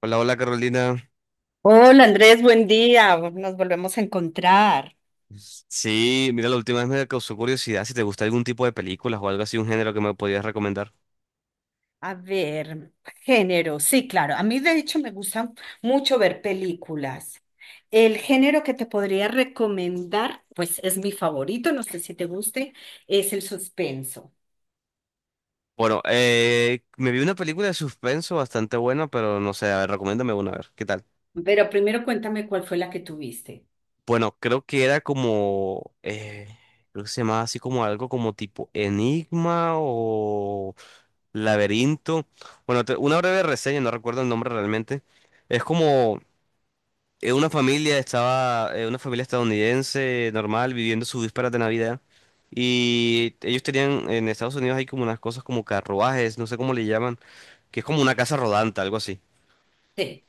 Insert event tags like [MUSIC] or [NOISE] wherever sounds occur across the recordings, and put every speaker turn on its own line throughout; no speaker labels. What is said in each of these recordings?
Hola, hola Carolina.
Hola Andrés, buen día. Nos volvemos a encontrar.
Sí, mira, la última vez me causó curiosidad si te gusta algún tipo de películas o algo así, un género que me podías recomendar.
A ver, género. Sí, claro. A mí de hecho me gusta mucho ver películas. El género que te podría recomendar, pues es mi favorito, no sé si te guste, es el suspenso.
Bueno, me vi una película de suspenso bastante buena, pero no sé, a ver, recomiéndame una, a ver, ¿qué tal?
Pero primero cuéntame cuál fue la que tuviste.
Bueno, creo que era como, creo que se llamaba así como algo como tipo Enigma o Laberinto. Bueno, una breve reseña, no recuerdo el nombre realmente. Es como una familia estaba, una familia estadounidense normal viviendo sus vísperas de Navidad. Y ellos tenían, en Estados Unidos hay como unas cosas como carruajes, no sé cómo le llaman, que es como una casa rodante, algo así.
Sí.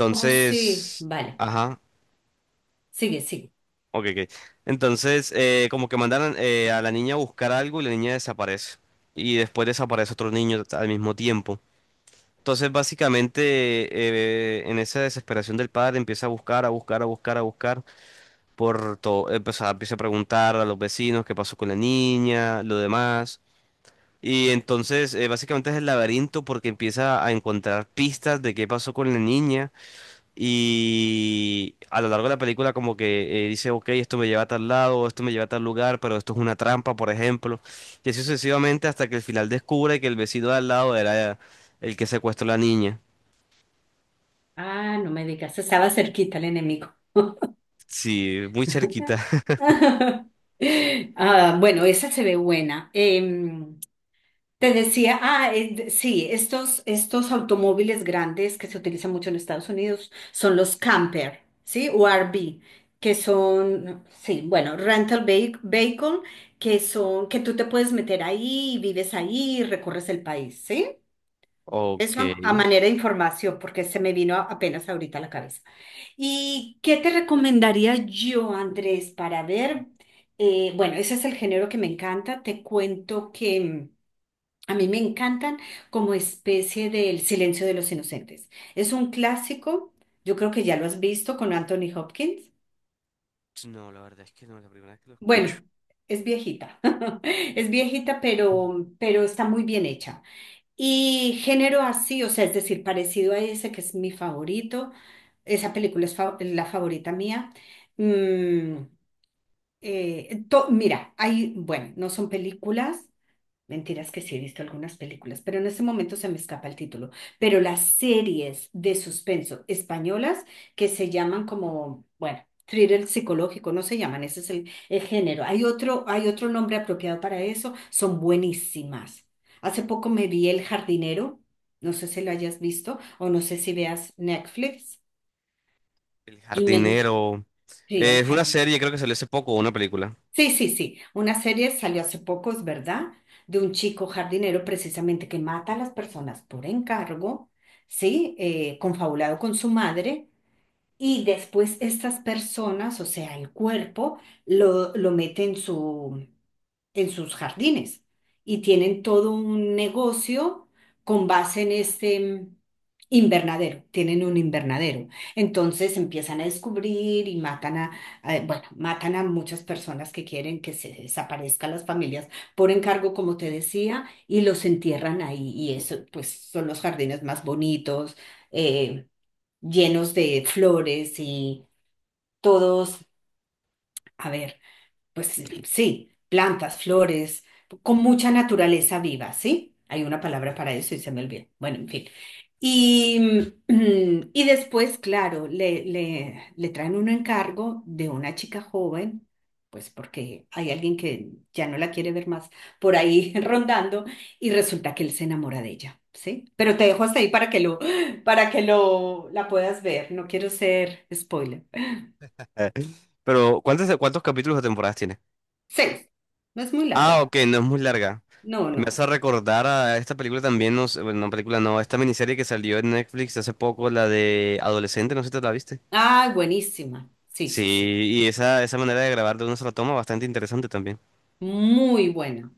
¿Cómo sí? Vale.
ajá,
Sigue.
ok, ok. Entonces, como que mandaron a la niña a buscar algo y la niña desaparece. Y después desaparece otro niño al mismo tiempo. Entonces, básicamente, en esa desesperación del padre empieza a buscar, a buscar, a buscar, a buscar, por todo, empieza a preguntar a los vecinos qué pasó con la niña, lo demás. Y entonces, básicamente es el laberinto porque empieza a encontrar pistas de qué pasó con la niña. Y a lo largo de la película como que dice, ok, esto me lleva a tal lado, esto me lleva a tal lugar, pero esto es una trampa, por ejemplo. Y así sucesivamente hasta que al final descubre que el vecino de al lado era el que secuestró a la niña.
Ah, no me digas, estaba cerquita el enemigo.
Sí, muy cerquita. [LAUGHS]
[LAUGHS] Ah, bueno, esa se ve buena. Te decía, sí, estos automóviles grandes que se utilizan mucho en Estados Unidos son los camper, ¿sí? O RV, que son, sí, bueno, rental vehi- vehicle, que son, que tú te puedes meter ahí, vives ahí, recorres el país, ¿sí?
Ok.
Eso a manera de información, porque se me vino apenas ahorita a la cabeza. ¿Y qué te recomendaría yo, Andrés, para ver? Bueno, ese es el género que me encanta. Te cuento que... a mí me encantan como especie del Silencio de los Inocentes. Es un clásico, yo creo que ya lo has visto con Anthony Hopkins.
No, la verdad es que no, es la primera vez que lo escucho.
Bueno, es viejita, [LAUGHS] es viejita, pero está muy bien hecha. Y género así, o sea, es decir, parecido a ese que es mi favorito. Esa película es fa- la favorita mía. Mm, to- mira, hay, bueno, no son películas. Mentiras que sí he visto algunas películas, pero en este momento se me escapa el título. Pero las series de suspenso españolas que se llaman como, bueno, thriller psicológico, no se llaman, ese es el género. Hay otro nombre apropiado para eso, son buenísimas. Hace poco me vi El Jardinero, no sé si lo hayas visto o no sé si veas Netflix,
El
y me gustó,
jardinero.
sí, El
Es una
Jardinero.
serie, creo que salió hace poco, una película.
Sí, sí, sí. Una serie salió hace poco, es verdad, de un chico jardinero precisamente que mata a las personas por encargo, ¿sí? Confabulado con su madre y después estas personas, o sea, el cuerpo, lo mete en su, en sus jardines y tienen todo un negocio con base en este invernadero, tienen un invernadero. Entonces empiezan a descubrir y matan a- bueno, matan a muchas personas que quieren que se desaparezcan las familias por encargo, como te decía, y los entierran ahí. Y eso, pues, son los jardines más bonitos. eh, llenos de flores y todos, a ver. Pues sí, plantas, flores, con mucha naturaleza viva, ¿sí? Hay una palabra para eso y se me olvidó. Bueno, en fin. Y, [CLEARS THROAT] y después, claro, le traen un encargo de una chica joven, pues porque hay alguien que ya no la quiere ver más por ahí [LAUGHS] rondando y resulta que él se enamora de ella, ¿sí? Pero te dejo hasta ahí para que lo, la puedas ver. No quiero ser spoiler.
Eh, pero ¿cuántos, cuántos capítulos o temporadas tiene?
Seis. No es muy
Ah,
larga.
ok, no es muy larga.
No,
Me
no.
hace recordar a esta película también, no sé, bueno, no película, no, esta miniserie que salió en Netflix hace poco, la de Adolescente, no sé si te la viste.
Ah, buenísima. Sí,
Sí,
sí, sí.
y esa manera de grabar de una sola toma, bastante interesante también.
Muy buena.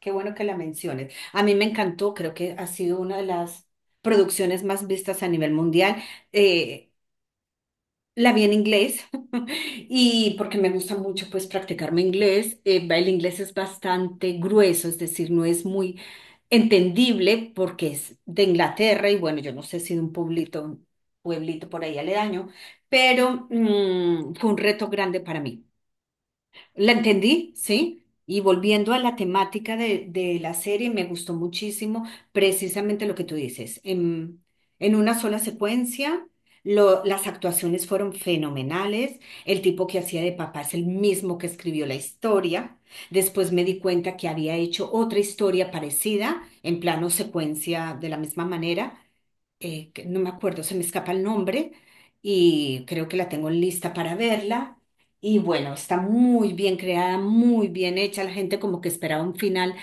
Qué bueno que la menciones. A mí me encantó, creo que ha sido una de las producciones más vistas a nivel mundial. Eh, la vi en inglés [LAUGHS] y porque me gusta mucho pues practicar mi inglés. El inglés es bastante grueso, es decir, no es muy entendible porque es de Inglaterra y bueno, yo no sé si de un pueblito, pueblito por ahí aledaño, pero fue un reto grande para mí. La entendí, sí. Y volviendo a la temática de la serie, me gustó muchísimo precisamente lo que tú dices. En una sola secuencia, lo- las actuaciones fueron fenomenales. El tipo que hacía de papá es el mismo que escribió la historia. Después me di cuenta que había hecho otra historia parecida en plano secuencia de la misma manera que no me acuerdo, se me escapa el nombre y creo que la tengo lista para verla. Y bueno, está muy bien creada, muy bien hecha. La gente como que esperaba un final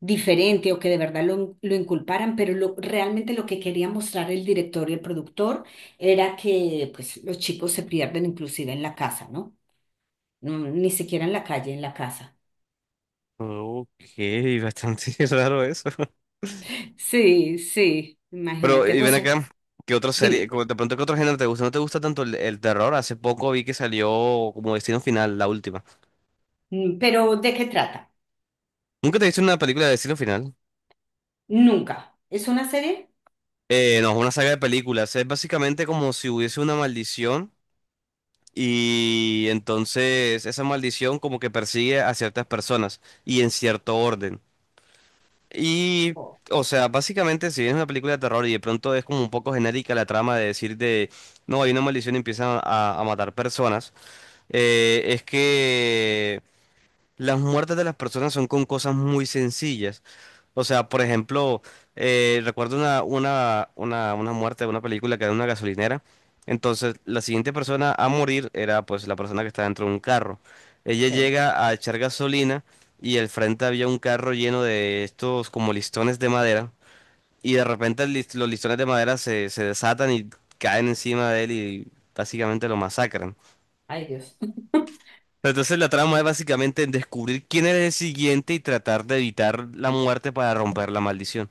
diferente o que de verdad lo inculparan, pero lo- realmente lo que quería mostrar el director y el productor era que pues los chicos se pierden inclusive en la casa, ¿no? No, ni siquiera en la calle, en la casa.
Ok, bastante [LAUGHS] raro eso.
Sí, sí,
Pero,
imagínate,
y
o
ven
sea,
acá, ¿qué otra serie,
dime,
como de pronto qué otro género te gusta? ¿No te gusta tanto el terror? Hace poco vi que salió como Destino Final, la última.
pero ¿de qué trata?
¿Nunca te viste una película de Destino Final?
Nunca. ¿Es una serie?
No, es una saga de películas. Es básicamente como si hubiese una maldición y entonces esa maldición como que persigue a ciertas personas y en cierto orden. Y, o sea, básicamente si bien es una película de terror y de pronto es como un poco genérica la trama de decir de, no, hay una maldición y empiezan a matar personas, es que... las muertes de las personas son con cosas muy sencillas. O sea, por ejemplo, recuerdo una muerte de una película que era en una gasolinera. Entonces, la siguiente persona a morir era pues la persona que estaba dentro de un carro. Ella
Sí.
llega a echar gasolina y al frente había un carro lleno de estos como listones de madera. Y de repente los listones de madera se desatan y caen encima de él y básicamente lo masacran.
Ay, Dios. [LAUGHS]
Entonces la trama es básicamente en descubrir quién es el siguiente y tratar de evitar la muerte para romper la maldición.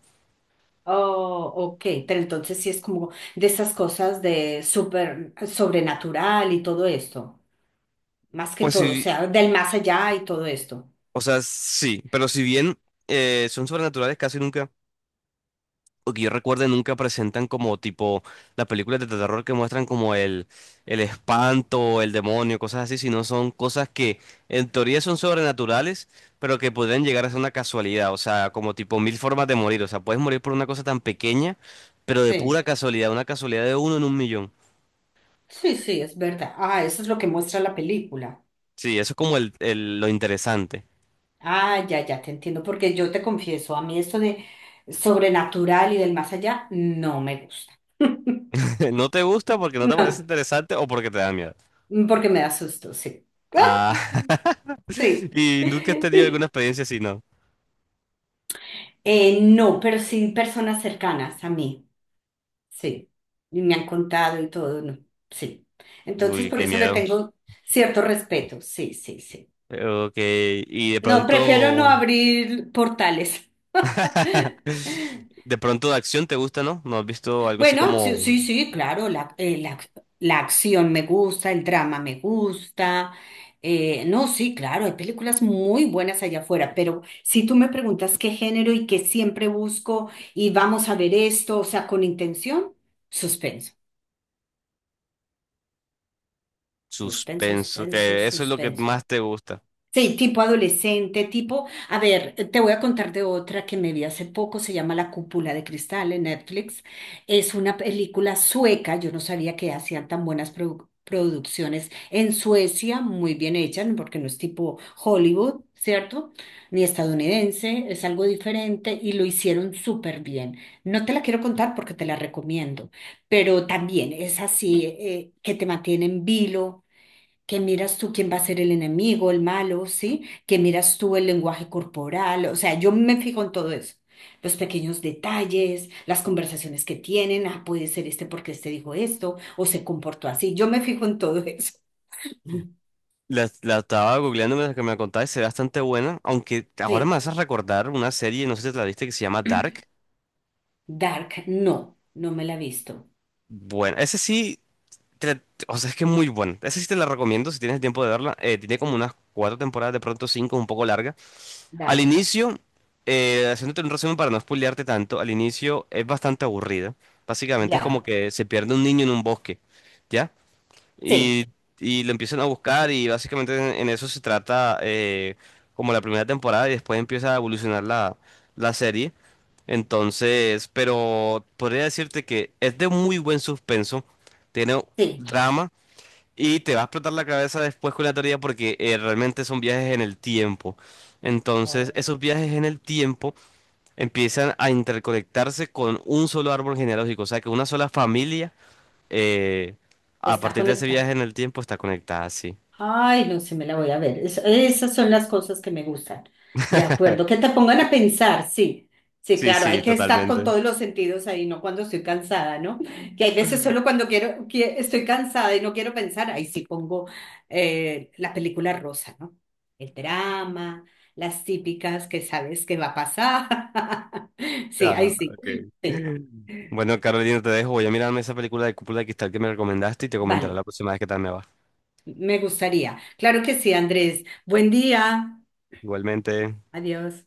Oh, ok, pero entonces sí es como de esas cosas de súper sobrenatural y todo esto, más que
Pues
todo, o
sí,
sea, del más allá y todo esto.
o sea, sí, pero si bien son sobrenaturales casi nunca, o que yo recuerde nunca presentan como tipo las películas de terror que muestran como el espanto, el demonio, cosas así, sino son cosas que en teoría son sobrenaturales, pero que pueden llegar a ser una casualidad, o sea, como tipo mil formas de morir, o sea, puedes morir por una cosa tan pequeña, pero de
Sí,
pura casualidad, una casualidad de uno en un millón.
sí, sí, es verdad. Ah, eso es lo que muestra la película.
Sí, eso es como lo interesante.
Ah, ya, ya te entiendo, porque yo te confieso, a mí esto de sobrenatural y del más allá no me gusta. [LAUGHS]
[LAUGHS] No te gusta porque no te parece interesante o porque te da miedo.
No, porque me da susto, sí.
Ah,
[LAUGHS]
[LAUGHS]
Sí.
y nunca has tenido alguna
[LAUGHS]
experiencia así, ¿no?
No, pero sí personas cercanas a mí, sí. Y me han contado y todo, no, sí. Entonces,
Uy,
por
qué
eso le
miedo.
tengo cierto respeto, sí, sí, sí.
Ok, y de
No, prefiero no
pronto,
abrir portales.
[LAUGHS]
[LAUGHS]
de pronto de acción te gusta, ¿no? ¿No has visto algo así
Bueno, sí,
como
sí, sí, claro, la acción me gusta, el drama me gusta. No, sí, claro, hay películas muy buenas allá afuera, pero si tú me preguntas qué género y que siempre busco y vamos a ver esto, o sea, con intención, suspenso, suspenso,
suspenso?
suspenso,
Que eso es lo que
suspenso.
más te gusta.
Sí, tipo adolescente, tipo, a ver, te voy a contar de otra que me vi hace poco, se llama La Cúpula de Cristal en Netflix. Es una película sueca, yo no sabía que hacían tan buenas produ- producciones en Suecia, muy bien hechas, porque no es tipo Hollywood, ¿cierto? Ni estadounidense, es algo diferente y lo hicieron súper bien. No te la quiero contar porque te la recomiendo, pero también es así, que te mantiene en vilo que miras tú quién va a ser el enemigo, el malo, ¿sí? Que miras tú el lenguaje corporal, o sea, yo me fijo en todo eso. Los pequeños detalles, las conversaciones que tienen, ah, puede ser este porque este dijo esto o se comportó así. Yo me fijo en todo [LAUGHS] eso.
La estaba googleando mientras que me la contabas, se ve bastante buena, aunque ahora me
Sí,
haces recordar una serie, no sé si te la viste, que se llama Dark.
Dark, no, no me la he visto.
Bueno, ese sí te- o sea, es que es muy buena. Esa sí te la recomiendo si tienes el tiempo de verla. Tiene como unas cuatro temporadas, de pronto cinco, un poco larga. Al
Dark.
inicio, haciéndote un resumen para no spoilearte tanto, al inicio es bastante aburrida. Básicamente es como
Ya,
que se pierde un niño en un bosque, ¿ya?
sí,
Y, y lo empiezan a buscar y básicamente en eso se trata como la primera temporada y después empieza a evolucionar la, la serie. Entonces, pero podría decirte que es de muy buen suspenso, tiene
sí.
drama. Y te va a explotar la cabeza después con la teoría porque realmente son viajes en el tiempo. Entonces,
Oh.
esos viajes en el tiempo empiezan a interconectarse con un solo árbol genealógico. O sea, que una sola familia, eh, a
Está
partir de ese viaje
conectada.
en el tiempo, está conectada, sí.
Ay, no sé, me la voy a ver. Es- esas son las cosas que me gustan. De acuerdo, que te pongan a pensar, sí. Sí,
Sí,
claro, hay
sí,
que estar con
totalmente.
todos los sentidos ahí, no cuando estoy cansada, ¿no? Que hay veces solo cuando quiero, que estoy cansada y no quiero pensar, ahí sí pongo la película rosa, ¿no? El drama, las típicas que sabes que va a pasar. [LAUGHS] Sí,
Ya,
ahí sí.
ok.
Sí,
[LAUGHS] Bueno, Carolina, te dejo. Voy a mirarme esa película de Cúpula de Cristal que me recomendaste y te comentaré
vale,
la próxima vez qué tal me va.
me gustaría. Claro que sí, Andrés. Buen día.
Igualmente.
Adiós.